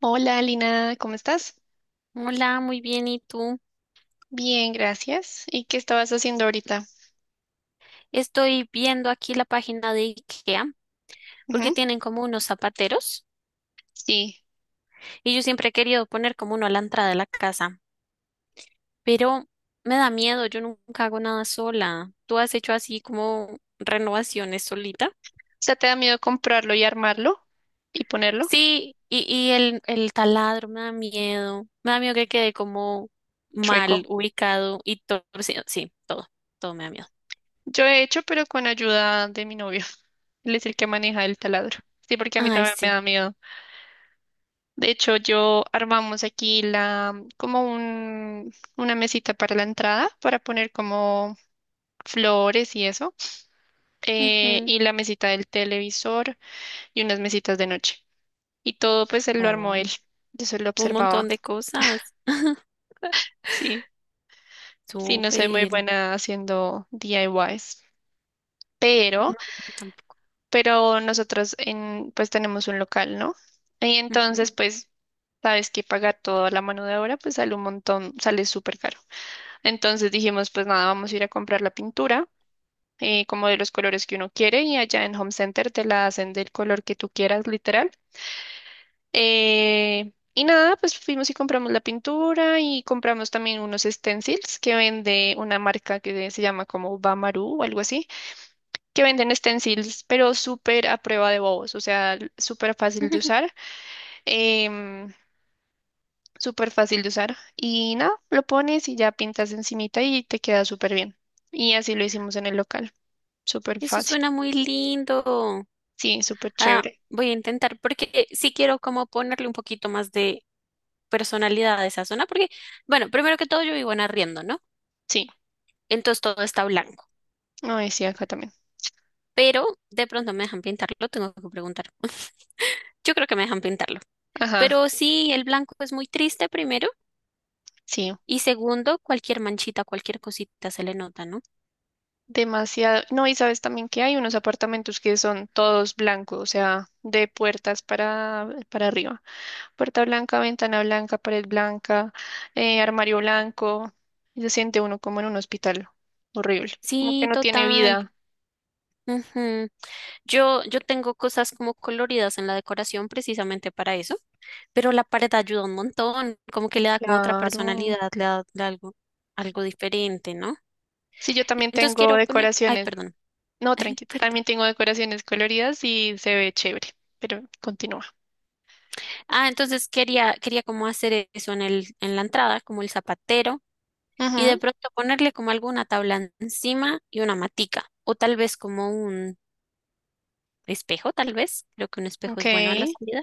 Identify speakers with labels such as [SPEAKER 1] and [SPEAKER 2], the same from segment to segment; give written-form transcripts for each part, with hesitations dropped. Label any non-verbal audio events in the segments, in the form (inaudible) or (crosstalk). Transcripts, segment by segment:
[SPEAKER 1] Hola, Lina, ¿cómo estás?
[SPEAKER 2] Hola, muy bien. ¿Y tú?
[SPEAKER 1] Bien, gracias. ¿Y qué estabas haciendo ahorita?
[SPEAKER 2] Estoy viendo aquí la página de IKEA porque
[SPEAKER 1] Ujú.
[SPEAKER 2] tienen como unos zapateros
[SPEAKER 1] Sí.
[SPEAKER 2] y yo siempre he querido poner como uno a la entrada de la casa, pero me da miedo, yo nunca hago nada sola. ¿Tú has hecho así como renovaciones solita?
[SPEAKER 1] O sea, ¿te da miedo comprarlo y armarlo y ponerlo?
[SPEAKER 2] Sí, y el taladro me da miedo que quede como mal
[SPEAKER 1] Chueco.
[SPEAKER 2] ubicado y torcido. Sí, sí, todo, todo me da miedo.
[SPEAKER 1] Yo he hecho, pero con ayuda de mi novio. (laughs) Él es el que maneja el taladro. Sí, porque a mí
[SPEAKER 2] Ay,
[SPEAKER 1] también me
[SPEAKER 2] sí.
[SPEAKER 1] da miedo. De hecho, yo armamos aquí una mesita para la entrada, para poner como flores y eso,
[SPEAKER 2] Ujú.
[SPEAKER 1] y la mesita del televisor y unas mesitas de noche. Y todo pues él lo armó él.
[SPEAKER 2] Coño,
[SPEAKER 1] Yo solo
[SPEAKER 2] un montón
[SPEAKER 1] observaba.
[SPEAKER 2] de cosas. (laughs)
[SPEAKER 1] Sí, sí, no soy muy
[SPEAKER 2] Súper.
[SPEAKER 1] buena haciendo DIYs. Pero,
[SPEAKER 2] No, yo tampoco.
[SPEAKER 1] pero nosotros pues tenemos un local, ¿no? Y
[SPEAKER 2] Ujú.
[SPEAKER 1] entonces pues sabes que pagar toda la mano de obra pues sale un montón, sale súper caro. Entonces dijimos pues nada, vamos a ir a comprar la pintura. Como de los colores que uno quiere y allá en Home Center te la hacen del color que tú quieras, literal. Y nada, pues fuimos y compramos la pintura y compramos también unos stencils que vende una marca que se llama como Bamaru o algo así, que venden stencils, pero súper a prueba de bobos, o sea, súper fácil de
[SPEAKER 2] (laughs)
[SPEAKER 1] usar, em, súper fácil de usar. Y nada, lo pones y ya pintas encimita y te queda súper bien. Y así lo hicimos en el local, súper
[SPEAKER 2] Eso
[SPEAKER 1] fácil.
[SPEAKER 2] suena muy lindo.
[SPEAKER 1] Sí, súper
[SPEAKER 2] Ah,
[SPEAKER 1] chévere.
[SPEAKER 2] voy a intentar porque sí quiero como ponerle un poquito más de personalidad a esa zona porque, bueno, primero que todo yo vivo en arriendo, ¿no?
[SPEAKER 1] Sí,
[SPEAKER 2] Entonces todo está blanco,
[SPEAKER 1] no, sí, acá también.
[SPEAKER 2] pero de pronto me dejan pintarlo, tengo que preguntar. (laughs) Yo creo que me dejan pintarlo.
[SPEAKER 1] Ajá,
[SPEAKER 2] Pero sí, el blanco es muy triste primero
[SPEAKER 1] sí.
[SPEAKER 2] y segundo, cualquier manchita, cualquier cosita se le nota, ¿no?
[SPEAKER 1] Demasiado. No, y sabes también que hay unos apartamentos que son todos blancos, o sea, de puertas para arriba. Puerta blanca, ventana blanca, pared blanca, armario blanco. Y se siente uno como en un hospital. Horrible. Como que
[SPEAKER 2] Sí,
[SPEAKER 1] no tiene
[SPEAKER 2] total.
[SPEAKER 1] vida.
[SPEAKER 2] Ujú. Yo tengo cosas como coloridas en la decoración precisamente para eso, pero la pared ayuda un montón, como que le da como otra
[SPEAKER 1] Claro.
[SPEAKER 2] personalidad, le da algo diferente, ¿no?
[SPEAKER 1] Sí, yo también
[SPEAKER 2] Entonces
[SPEAKER 1] tengo
[SPEAKER 2] quiero poner, ay,
[SPEAKER 1] decoraciones.
[SPEAKER 2] perdón,
[SPEAKER 1] No, tranqui,
[SPEAKER 2] (laughs) perdón.
[SPEAKER 1] también tengo decoraciones coloridas y se ve chévere, pero continúa.
[SPEAKER 2] Ah, entonces quería como hacer eso en en la entrada, como el zapatero, y de pronto ponerle como alguna tabla encima y una matica, o tal vez como un espejo, tal vez, creo que un
[SPEAKER 1] Ujú,
[SPEAKER 2] espejo
[SPEAKER 1] ok.
[SPEAKER 2] es bueno a la salida.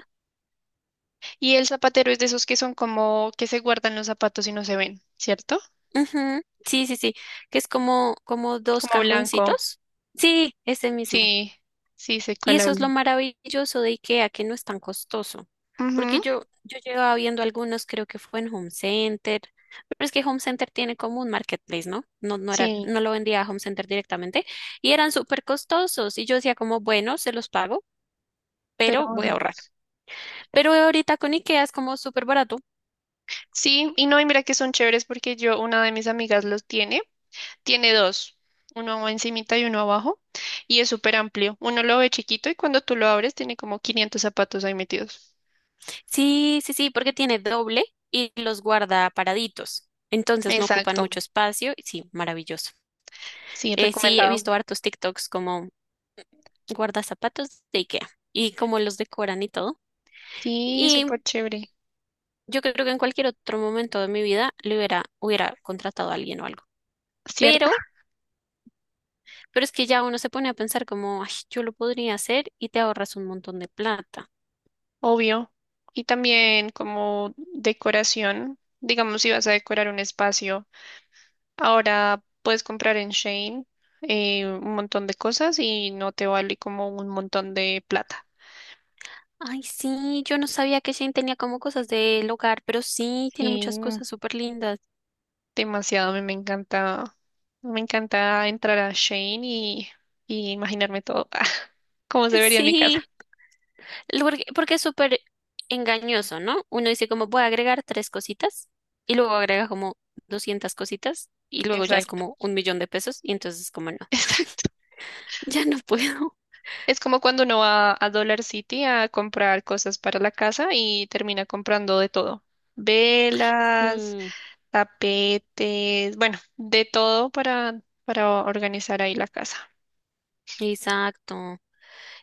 [SPEAKER 1] Y el zapatero es de esos que son como que se guardan los zapatos y no se ven, ¿cierto?
[SPEAKER 2] Ujú. Sí, sí, sí, que es como dos
[SPEAKER 1] Como blanco.
[SPEAKER 2] cajoncitos. Sí, ese mismo.
[SPEAKER 1] Sí, sí, sé
[SPEAKER 2] Y
[SPEAKER 1] cuál
[SPEAKER 2] eso es
[SPEAKER 1] habla.
[SPEAKER 2] lo maravilloso de IKEA, que no es tan costoso.
[SPEAKER 1] Ujú.
[SPEAKER 2] Porque yo llevaba viendo algunos, creo que fue en Home Center, pero es que Home Center tiene como un marketplace, ¿no? No, no era,
[SPEAKER 1] Sí,
[SPEAKER 2] no lo vendía a Home Center directamente y eran súper costosos. Y yo decía como, bueno, se los pago,
[SPEAKER 1] pero
[SPEAKER 2] pero voy a
[SPEAKER 1] ajá.
[SPEAKER 2] ahorrar. Pero ahorita con IKEA es como súper barato.
[SPEAKER 1] Sí, y no, y mira que son chéveres porque yo, una de mis amigas los tiene, tiene dos, uno encimita y uno abajo, y es súper amplio. Uno lo ve chiquito y cuando tú lo abres tiene como 500 zapatos ahí metidos.
[SPEAKER 2] Sí, sí, sí, porque tiene doble y los guarda paraditos. Entonces no ocupan
[SPEAKER 1] Exacto,
[SPEAKER 2] mucho espacio. Y sí, maravilloso.
[SPEAKER 1] sí,
[SPEAKER 2] Sí, he
[SPEAKER 1] recomendado.
[SPEAKER 2] visto hartos TikToks como guarda zapatos de IKEA y cómo los decoran y todo.
[SPEAKER 1] Sí,
[SPEAKER 2] Y
[SPEAKER 1] súper chévere,
[SPEAKER 2] yo creo que en cualquier otro momento de mi vida le hubiera contratado a alguien o algo.
[SPEAKER 1] ¿cierto?
[SPEAKER 2] Pero, pero es que ya uno se pone a pensar como, ay, yo lo podría hacer y te ahorras un montón de plata.
[SPEAKER 1] Obvio. Y también como decoración, digamos si vas a decorar un espacio. Ahora puedes comprar en Shane un montón de cosas y no te vale como un montón de plata.
[SPEAKER 2] Ay, sí, yo no sabía que Shane tenía como cosas del hogar, pero sí, tiene muchas
[SPEAKER 1] Y
[SPEAKER 2] cosas súper lindas.
[SPEAKER 1] demasiado, a mí me encanta entrar a Shane y imaginarme todo, (laughs) cómo se
[SPEAKER 2] (laughs)
[SPEAKER 1] vería en mi
[SPEAKER 2] Sí.
[SPEAKER 1] casa.
[SPEAKER 2] Porque es súper engañoso, ¿no? Uno dice como voy a agregar tres cositas y luego agrega como 200 cositas y luego ya es
[SPEAKER 1] Exacto.
[SPEAKER 2] como 1 millón de pesos y entonces es como no,
[SPEAKER 1] (laughs)
[SPEAKER 2] (laughs)
[SPEAKER 1] Exacto.
[SPEAKER 2] ya no puedo.
[SPEAKER 1] Es como cuando uno va a Dollar City a comprar cosas para la casa y termina comprando de todo. Velas,
[SPEAKER 2] Sí,
[SPEAKER 1] tapetes, bueno, de todo para organizar ahí la casa.
[SPEAKER 2] exacto.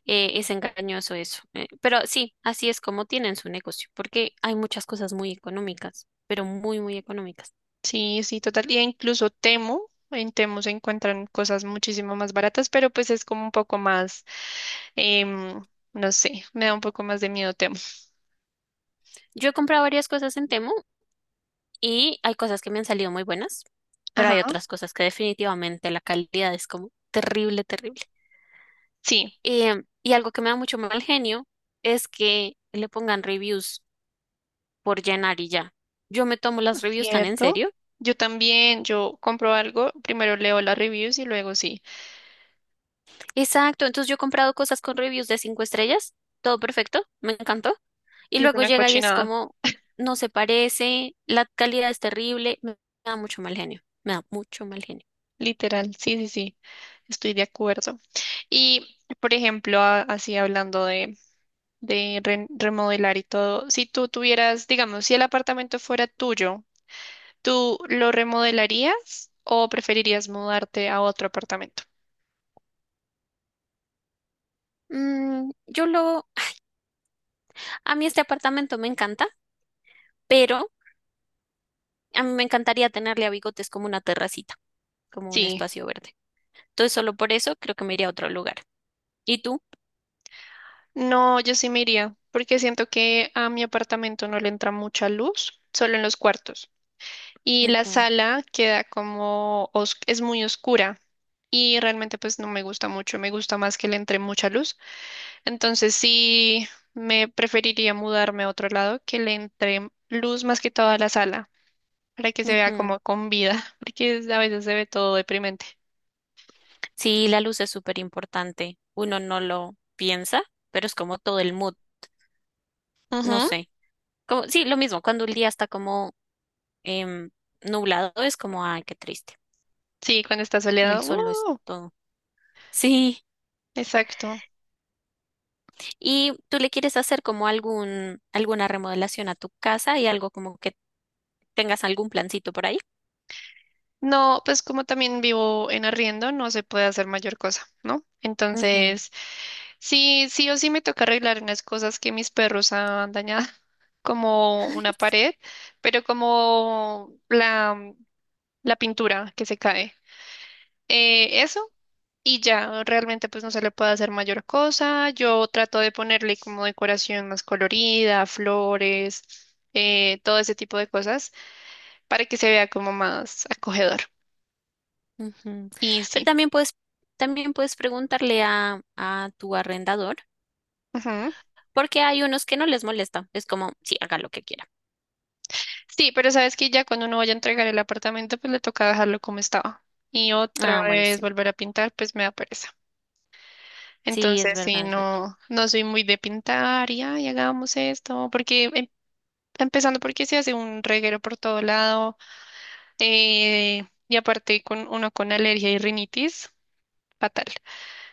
[SPEAKER 2] Es engañoso eso. Pero sí, así es como tienen su negocio, porque hay muchas cosas muy económicas, pero muy, muy económicas.
[SPEAKER 1] Sí, sí, total. Y incluso Temu, en Temu se encuentran cosas muchísimo más baratas, pero pues es como un poco más, em, no sé, me da un poco más de miedo Temu.
[SPEAKER 2] Yo he comprado varias cosas en Temu y hay cosas que me han salido muy buenas, pero hay
[SPEAKER 1] Ajá,
[SPEAKER 2] otras cosas que definitivamente la calidad es como terrible, terrible.
[SPEAKER 1] sí,
[SPEAKER 2] Y algo que me da mucho mal genio es que le pongan reviews por llenar y ya. Yo me tomo las reviews tan en
[SPEAKER 1] cierto.
[SPEAKER 2] serio.
[SPEAKER 1] Yo también, yo compro algo, primero leo las reviews y luego sí.
[SPEAKER 2] Exacto, entonces yo he comprado cosas con reviews de 5 estrellas, todo perfecto, me encantó. Y
[SPEAKER 1] Y es
[SPEAKER 2] luego
[SPEAKER 1] una
[SPEAKER 2] llega y es
[SPEAKER 1] cochinada,
[SPEAKER 2] como, no se parece, la calidad es terrible, me da mucho mal genio, me da mucho mal genio.
[SPEAKER 1] literal. Sí, sí, sí, estoy de acuerdo. Y, por ejemplo, así hablando de remodelar y todo, si tú tuvieras, digamos, si el apartamento fuera tuyo, ¿tú lo remodelarías o preferirías mudarte a otro apartamento?
[SPEAKER 2] Mm, yo lo, a mí este apartamento me encanta, pero a mí me encantaría tenerle a Bigotes como una terracita, como un
[SPEAKER 1] Sí.
[SPEAKER 2] espacio verde. Entonces solo por eso creo que me iría a otro lugar. ¿Y tú?
[SPEAKER 1] No, yo sí me iría, porque siento que a mi apartamento no le entra mucha luz, solo en los cuartos. Y la
[SPEAKER 2] Ujú,
[SPEAKER 1] sala queda como, es muy oscura y realmente pues no me gusta mucho, me gusta más que le entre mucha luz. Entonces sí, me preferiría mudarme a otro lado que le entre luz más que toda la sala, para que se vea
[SPEAKER 2] ujú.
[SPEAKER 1] como con vida, (laughs) porque a veces se ve todo deprimente.
[SPEAKER 2] Sí, la luz es súper importante. Uno no lo piensa, pero es como todo el mood, no sé. Como, sí, lo mismo, cuando el día está como em, nublado, es como, ay, qué triste.
[SPEAKER 1] Sí, cuando está
[SPEAKER 2] El
[SPEAKER 1] soleado.
[SPEAKER 2] sol lo es
[SPEAKER 1] ¡Uh!
[SPEAKER 2] todo. Sí,
[SPEAKER 1] Exacto.
[SPEAKER 2] ¿y tú le quieres hacer como alguna remodelación a tu casa y algo como que tengas algún plancito por ahí?
[SPEAKER 1] No, pues como también vivo en arriendo, no se puede hacer mayor cosa, ¿no?
[SPEAKER 2] Ujú.
[SPEAKER 1] Entonces, sí, sí o sí me toca arreglar unas cosas que mis perros han dañado, (laughs)
[SPEAKER 2] (laughs)
[SPEAKER 1] como
[SPEAKER 2] Ay,
[SPEAKER 1] una
[SPEAKER 2] sí,
[SPEAKER 1] pared, pero como la pintura que se cae. Eso, y ya, realmente pues no se le puede hacer mayor cosa. Yo trato de ponerle como decoración más colorida, flores, todo ese tipo de cosas. Para que se vea como más acogedor.
[SPEAKER 2] ujú.
[SPEAKER 1] Y
[SPEAKER 2] Pero
[SPEAKER 1] sí.
[SPEAKER 2] también puedes, también puedes preguntarle a tu arrendador.
[SPEAKER 1] Ujú.
[SPEAKER 2] Porque hay unos que no les molesta. Es como, sí, haga lo que quiera.
[SPEAKER 1] Sí, pero sabes que ya cuando uno vaya a entregar el apartamento, pues le toca dejarlo como estaba. Y otra
[SPEAKER 2] Ah, bueno,
[SPEAKER 1] vez
[SPEAKER 2] sí.
[SPEAKER 1] volver a pintar, pues me da pereza.
[SPEAKER 2] Sí, es
[SPEAKER 1] Entonces, sí,
[SPEAKER 2] verdad, es verdad.
[SPEAKER 1] no, no soy muy de pintar y, ay, hagamos esto, porque empezando porque se hace un reguero por todo lado, y aparte con uno con alergia y rinitis, fatal.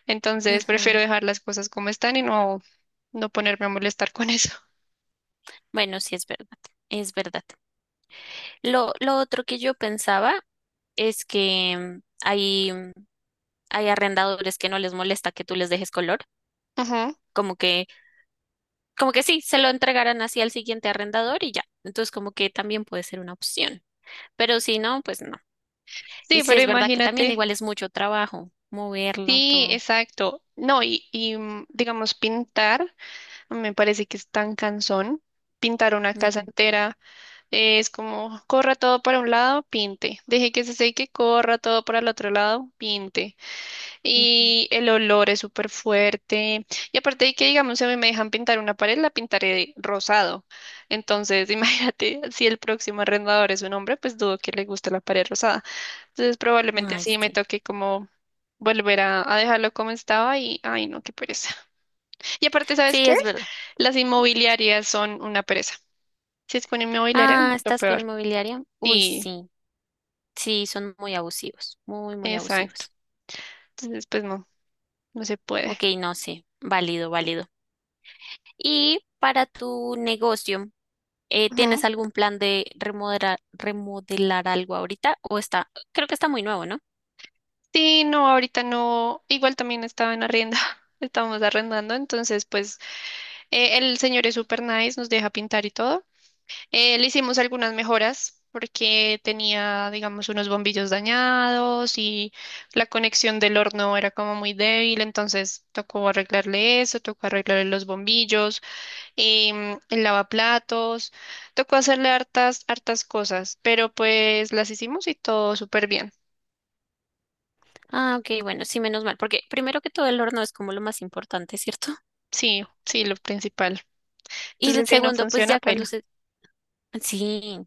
[SPEAKER 1] Entonces, prefiero
[SPEAKER 2] Ujú.
[SPEAKER 1] dejar las cosas como están y no ponerme a molestar con eso.
[SPEAKER 2] Bueno, sí, es verdad. Es verdad. Lo otro que yo pensaba es que hay arrendadores que no les molesta que tú les dejes color.
[SPEAKER 1] Ujú.
[SPEAKER 2] Como que, como que sí, se lo entregarán así al siguiente arrendador y ya. Entonces, como que también puede ser una opción. Pero si no, pues no.
[SPEAKER 1] Sí,
[SPEAKER 2] Y sí,
[SPEAKER 1] pero
[SPEAKER 2] es verdad que también
[SPEAKER 1] imagínate.
[SPEAKER 2] igual es mucho trabajo moverlo
[SPEAKER 1] Sí,
[SPEAKER 2] todo.
[SPEAKER 1] exacto. No, digamos, pintar, me parece que es tan cansón. Pintar una casa
[SPEAKER 2] Ujú,
[SPEAKER 1] entera es como, corra todo para un lado, pinte. Deje que se seque, corra todo para el otro lado, pinte.
[SPEAKER 2] ujú.
[SPEAKER 1] Y el olor es súper fuerte. Y aparte de que, digamos, si a mí me dejan pintar una pared, la pintaré rosado. Entonces, (laughs) imagínate, si el próximo arrendador es un hombre, pues dudo que le guste la pared rosada. Entonces, probablemente
[SPEAKER 2] Ay,
[SPEAKER 1] sí me
[SPEAKER 2] sí.
[SPEAKER 1] toque como volver a dejarlo como estaba y, ay, no, qué pereza. (laughs) Y aparte, ¿sabes
[SPEAKER 2] Sí,
[SPEAKER 1] qué?
[SPEAKER 2] es verdad.
[SPEAKER 1] Las inmobiliarias son una pereza. Si es con inmobiliaria,
[SPEAKER 2] Ah,
[SPEAKER 1] mucho
[SPEAKER 2] ¿estás con
[SPEAKER 1] peor.
[SPEAKER 2] inmobiliaria? Uy,
[SPEAKER 1] Y,
[SPEAKER 2] sí, sí, son muy abusivos, muy, muy
[SPEAKER 1] exacto.
[SPEAKER 2] abusivos.
[SPEAKER 1] Entonces, pues no, no se puede.
[SPEAKER 2] Ok, no sé, válido, válido. Y para tu negocio, ¿tienes algún plan de remodelar algo ahorita? O está, creo que está muy nuevo, ¿no?
[SPEAKER 1] Sí, no, ahorita no, igual también estaba en arrienda, (laughs) estábamos arrendando, entonces pues el señor es súper nice, nos deja pintar y todo. Le hicimos algunas mejoras porque tenía, digamos, unos bombillos dañados y la conexión del horno era como muy débil, entonces tocó arreglarle eso, tocó arreglarle los bombillos, el lavaplatos, tocó hacerle hartas, hartas cosas, pero pues las hicimos y todo súper bien.
[SPEAKER 2] Ah, ok, bueno, sí, menos mal, porque primero que todo el horno es como lo más importante, ¿cierto?
[SPEAKER 1] Sí, sí, lo principal.
[SPEAKER 2] Y el
[SPEAKER 1] Entonces, si no
[SPEAKER 2] segundo, pues
[SPEAKER 1] funciona,
[SPEAKER 2] ya cuando
[SPEAKER 1] paila.
[SPEAKER 2] se. Sí,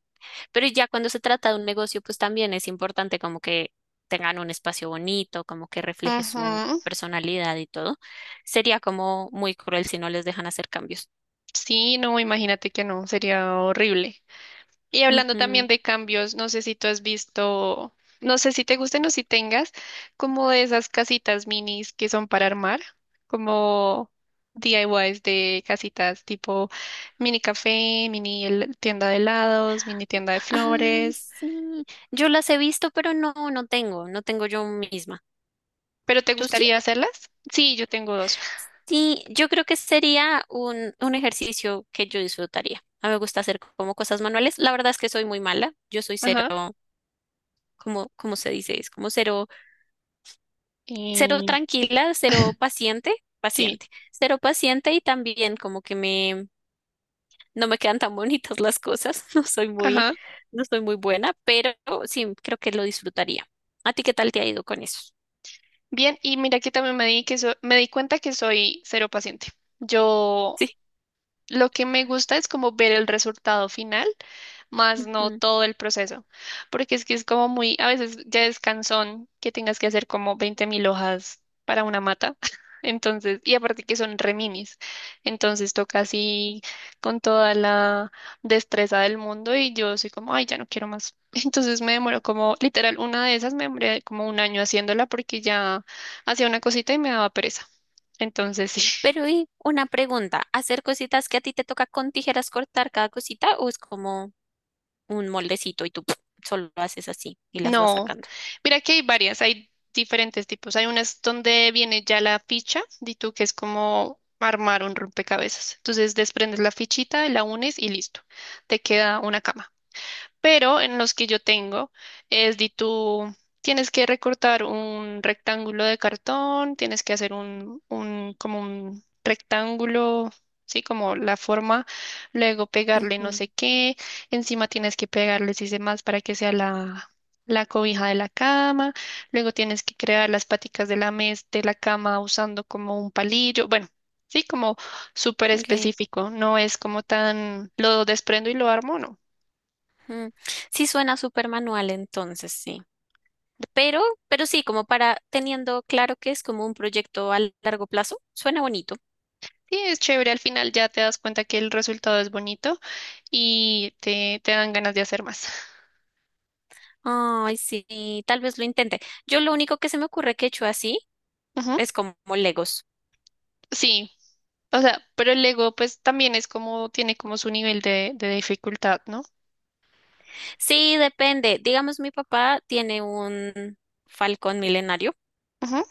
[SPEAKER 2] pero ya cuando se trata de un negocio, pues también es importante como que tengan un espacio bonito, como que refleje su
[SPEAKER 1] Ujú.
[SPEAKER 2] personalidad y todo. Sería como muy cruel si no les dejan hacer cambios.
[SPEAKER 1] Sí, no, imagínate que no, sería horrible. Y hablando
[SPEAKER 2] Ujú.
[SPEAKER 1] también de cambios, no sé si tú has visto, no sé si te gusten o si tengas, como de esas casitas minis que son para armar, como DIYs de casitas tipo mini café, tienda de helados, mini tienda de
[SPEAKER 2] Ay,
[SPEAKER 1] flores.
[SPEAKER 2] sí. Yo las he visto, pero no, no tengo yo misma.
[SPEAKER 1] ¿Pero te
[SPEAKER 2] ¿Tú sí?
[SPEAKER 1] gustaría hacerlas? Sí, yo tengo dos.
[SPEAKER 2] Sí, yo creo que sería un ejercicio que yo disfrutaría. A mí me gusta hacer como cosas manuales. La verdad es que soy muy mala. Yo soy cero,
[SPEAKER 1] Ajá.
[SPEAKER 2] como, ¿cómo se dice? Es como cero. Cero
[SPEAKER 1] Y
[SPEAKER 2] tranquila, cero paciente,
[SPEAKER 1] sí,
[SPEAKER 2] paciente, cero paciente y también como que no me quedan tan bonitas las cosas, (laughs) no soy muy,
[SPEAKER 1] ajá.
[SPEAKER 2] no soy muy buena, pero sí, creo que lo disfrutaría. ¿A ti qué tal te ha ido con eso?
[SPEAKER 1] Bien, y mira que también me di cuenta que soy cero paciente. Yo
[SPEAKER 2] Sí.
[SPEAKER 1] lo que me gusta es como ver el resultado final, más no
[SPEAKER 2] Ujú.
[SPEAKER 1] todo el proceso, porque es que es como muy, a veces ya es cansón que tengas que hacer como 20.000 hojas para una mata, (laughs) entonces, y aparte que son reminis, entonces toca así con toda la destreza del mundo y yo soy como, ay, ya no quiero más. (laughs) Entonces me demoró como, literal, una de esas me demoré como un año haciéndola porque ya hacía una cosita y me daba pereza. Entonces, (laughs) sí.
[SPEAKER 2] Pero y una pregunta, ¿hacer cositas que a ti te toca con tijeras cortar cada cosita o es como un moldecito y tú ¡puf! Solo haces así y las vas
[SPEAKER 1] No,
[SPEAKER 2] sacando?
[SPEAKER 1] mira que hay varias, hay diferentes tipos. Hay unas donde viene ya la ficha, di tú que es como armar un rompecabezas. Entonces desprendes la fichita, la unes y listo. Te queda una cama pero en los que yo tengo es de tú tienes que recortar un rectángulo de cartón, tienes que hacer un como un rectángulo, sí, como la forma, luego pegarle no sé qué, encima tienes que pegarle si se más para que sea la cobija de la cama, luego tienes que crear las paticas de la mes de la cama usando como un palillo, bueno, sí, como súper
[SPEAKER 2] Ujú, ok,
[SPEAKER 1] específico, no es como tan lo desprendo y lo armo, no.
[SPEAKER 2] ujú. Sí, suena súper manual entonces, sí. Pero, pero sí, como para teniendo claro que es como un proyecto a largo plazo, suena bonito.
[SPEAKER 1] Sí, es chévere, al final ya te das cuenta que el resultado es bonito y te dan ganas de hacer más.
[SPEAKER 2] Ay, sí, tal vez lo intente. Yo lo único que se me ocurre que he hecho así
[SPEAKER 1] (laughs) Ujú.
[SPEAKER 2] es como Legos.
[SPEAKER 1] Sí, o sea, pero el Lego pues también es como, tiene como su nivel de dificultad, ¿no?
[SPEAKER 2] Sí, depende. Digamos, mi papá tiene un Falcón milenario.
[SPEAKER 1] Ujú.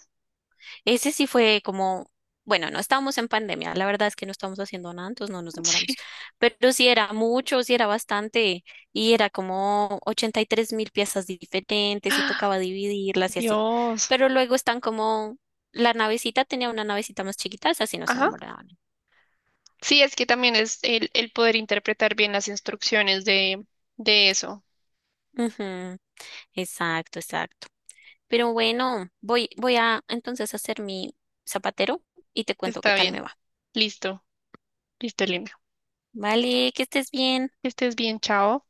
[SPEAKER 2] Ese sí fue como, bueno, no estábamos en pandemia. La verdad es que no estábamos haciendo nada, entonces no nos
[SPEAKER 1] (laughs) Sí.
[SPEAKER 2] demoramos. Pero sí era mucho, sí era bastante. Y era como 83.000 piezas diferentes y
[SPEAKER 1] ¡Ah!
[SPEAKER 2] tocaba dividirlas y así.
[SPEAKER 1] Dios.
[SPEAKER 2] Pero luego están como, la navecita tenía una navecita más chiquita, esa sí no se
[SPEAKER 1] Ajá.
[SPEAKER 2] demoraban.
[SPEAKER 1] Sí, es que también es el poder interpretar bien las instrucciones de eso.
[SPEAKER 2] Ujú. Exacto, exacto. Pero bueno, voy a entonces hacer mi zapatero y te cuento qué
[SPEAKER 1] Está
[SPEAKER 2] tal
[SPEAKER 1] bien.
[SPEAKER 2] me va.
[SPEAKER 1] Listo. Listo, Elimio.
[SPEAKER 2] Vale, que estés bien.
[SPEAKER 1] Que estés bien, chao.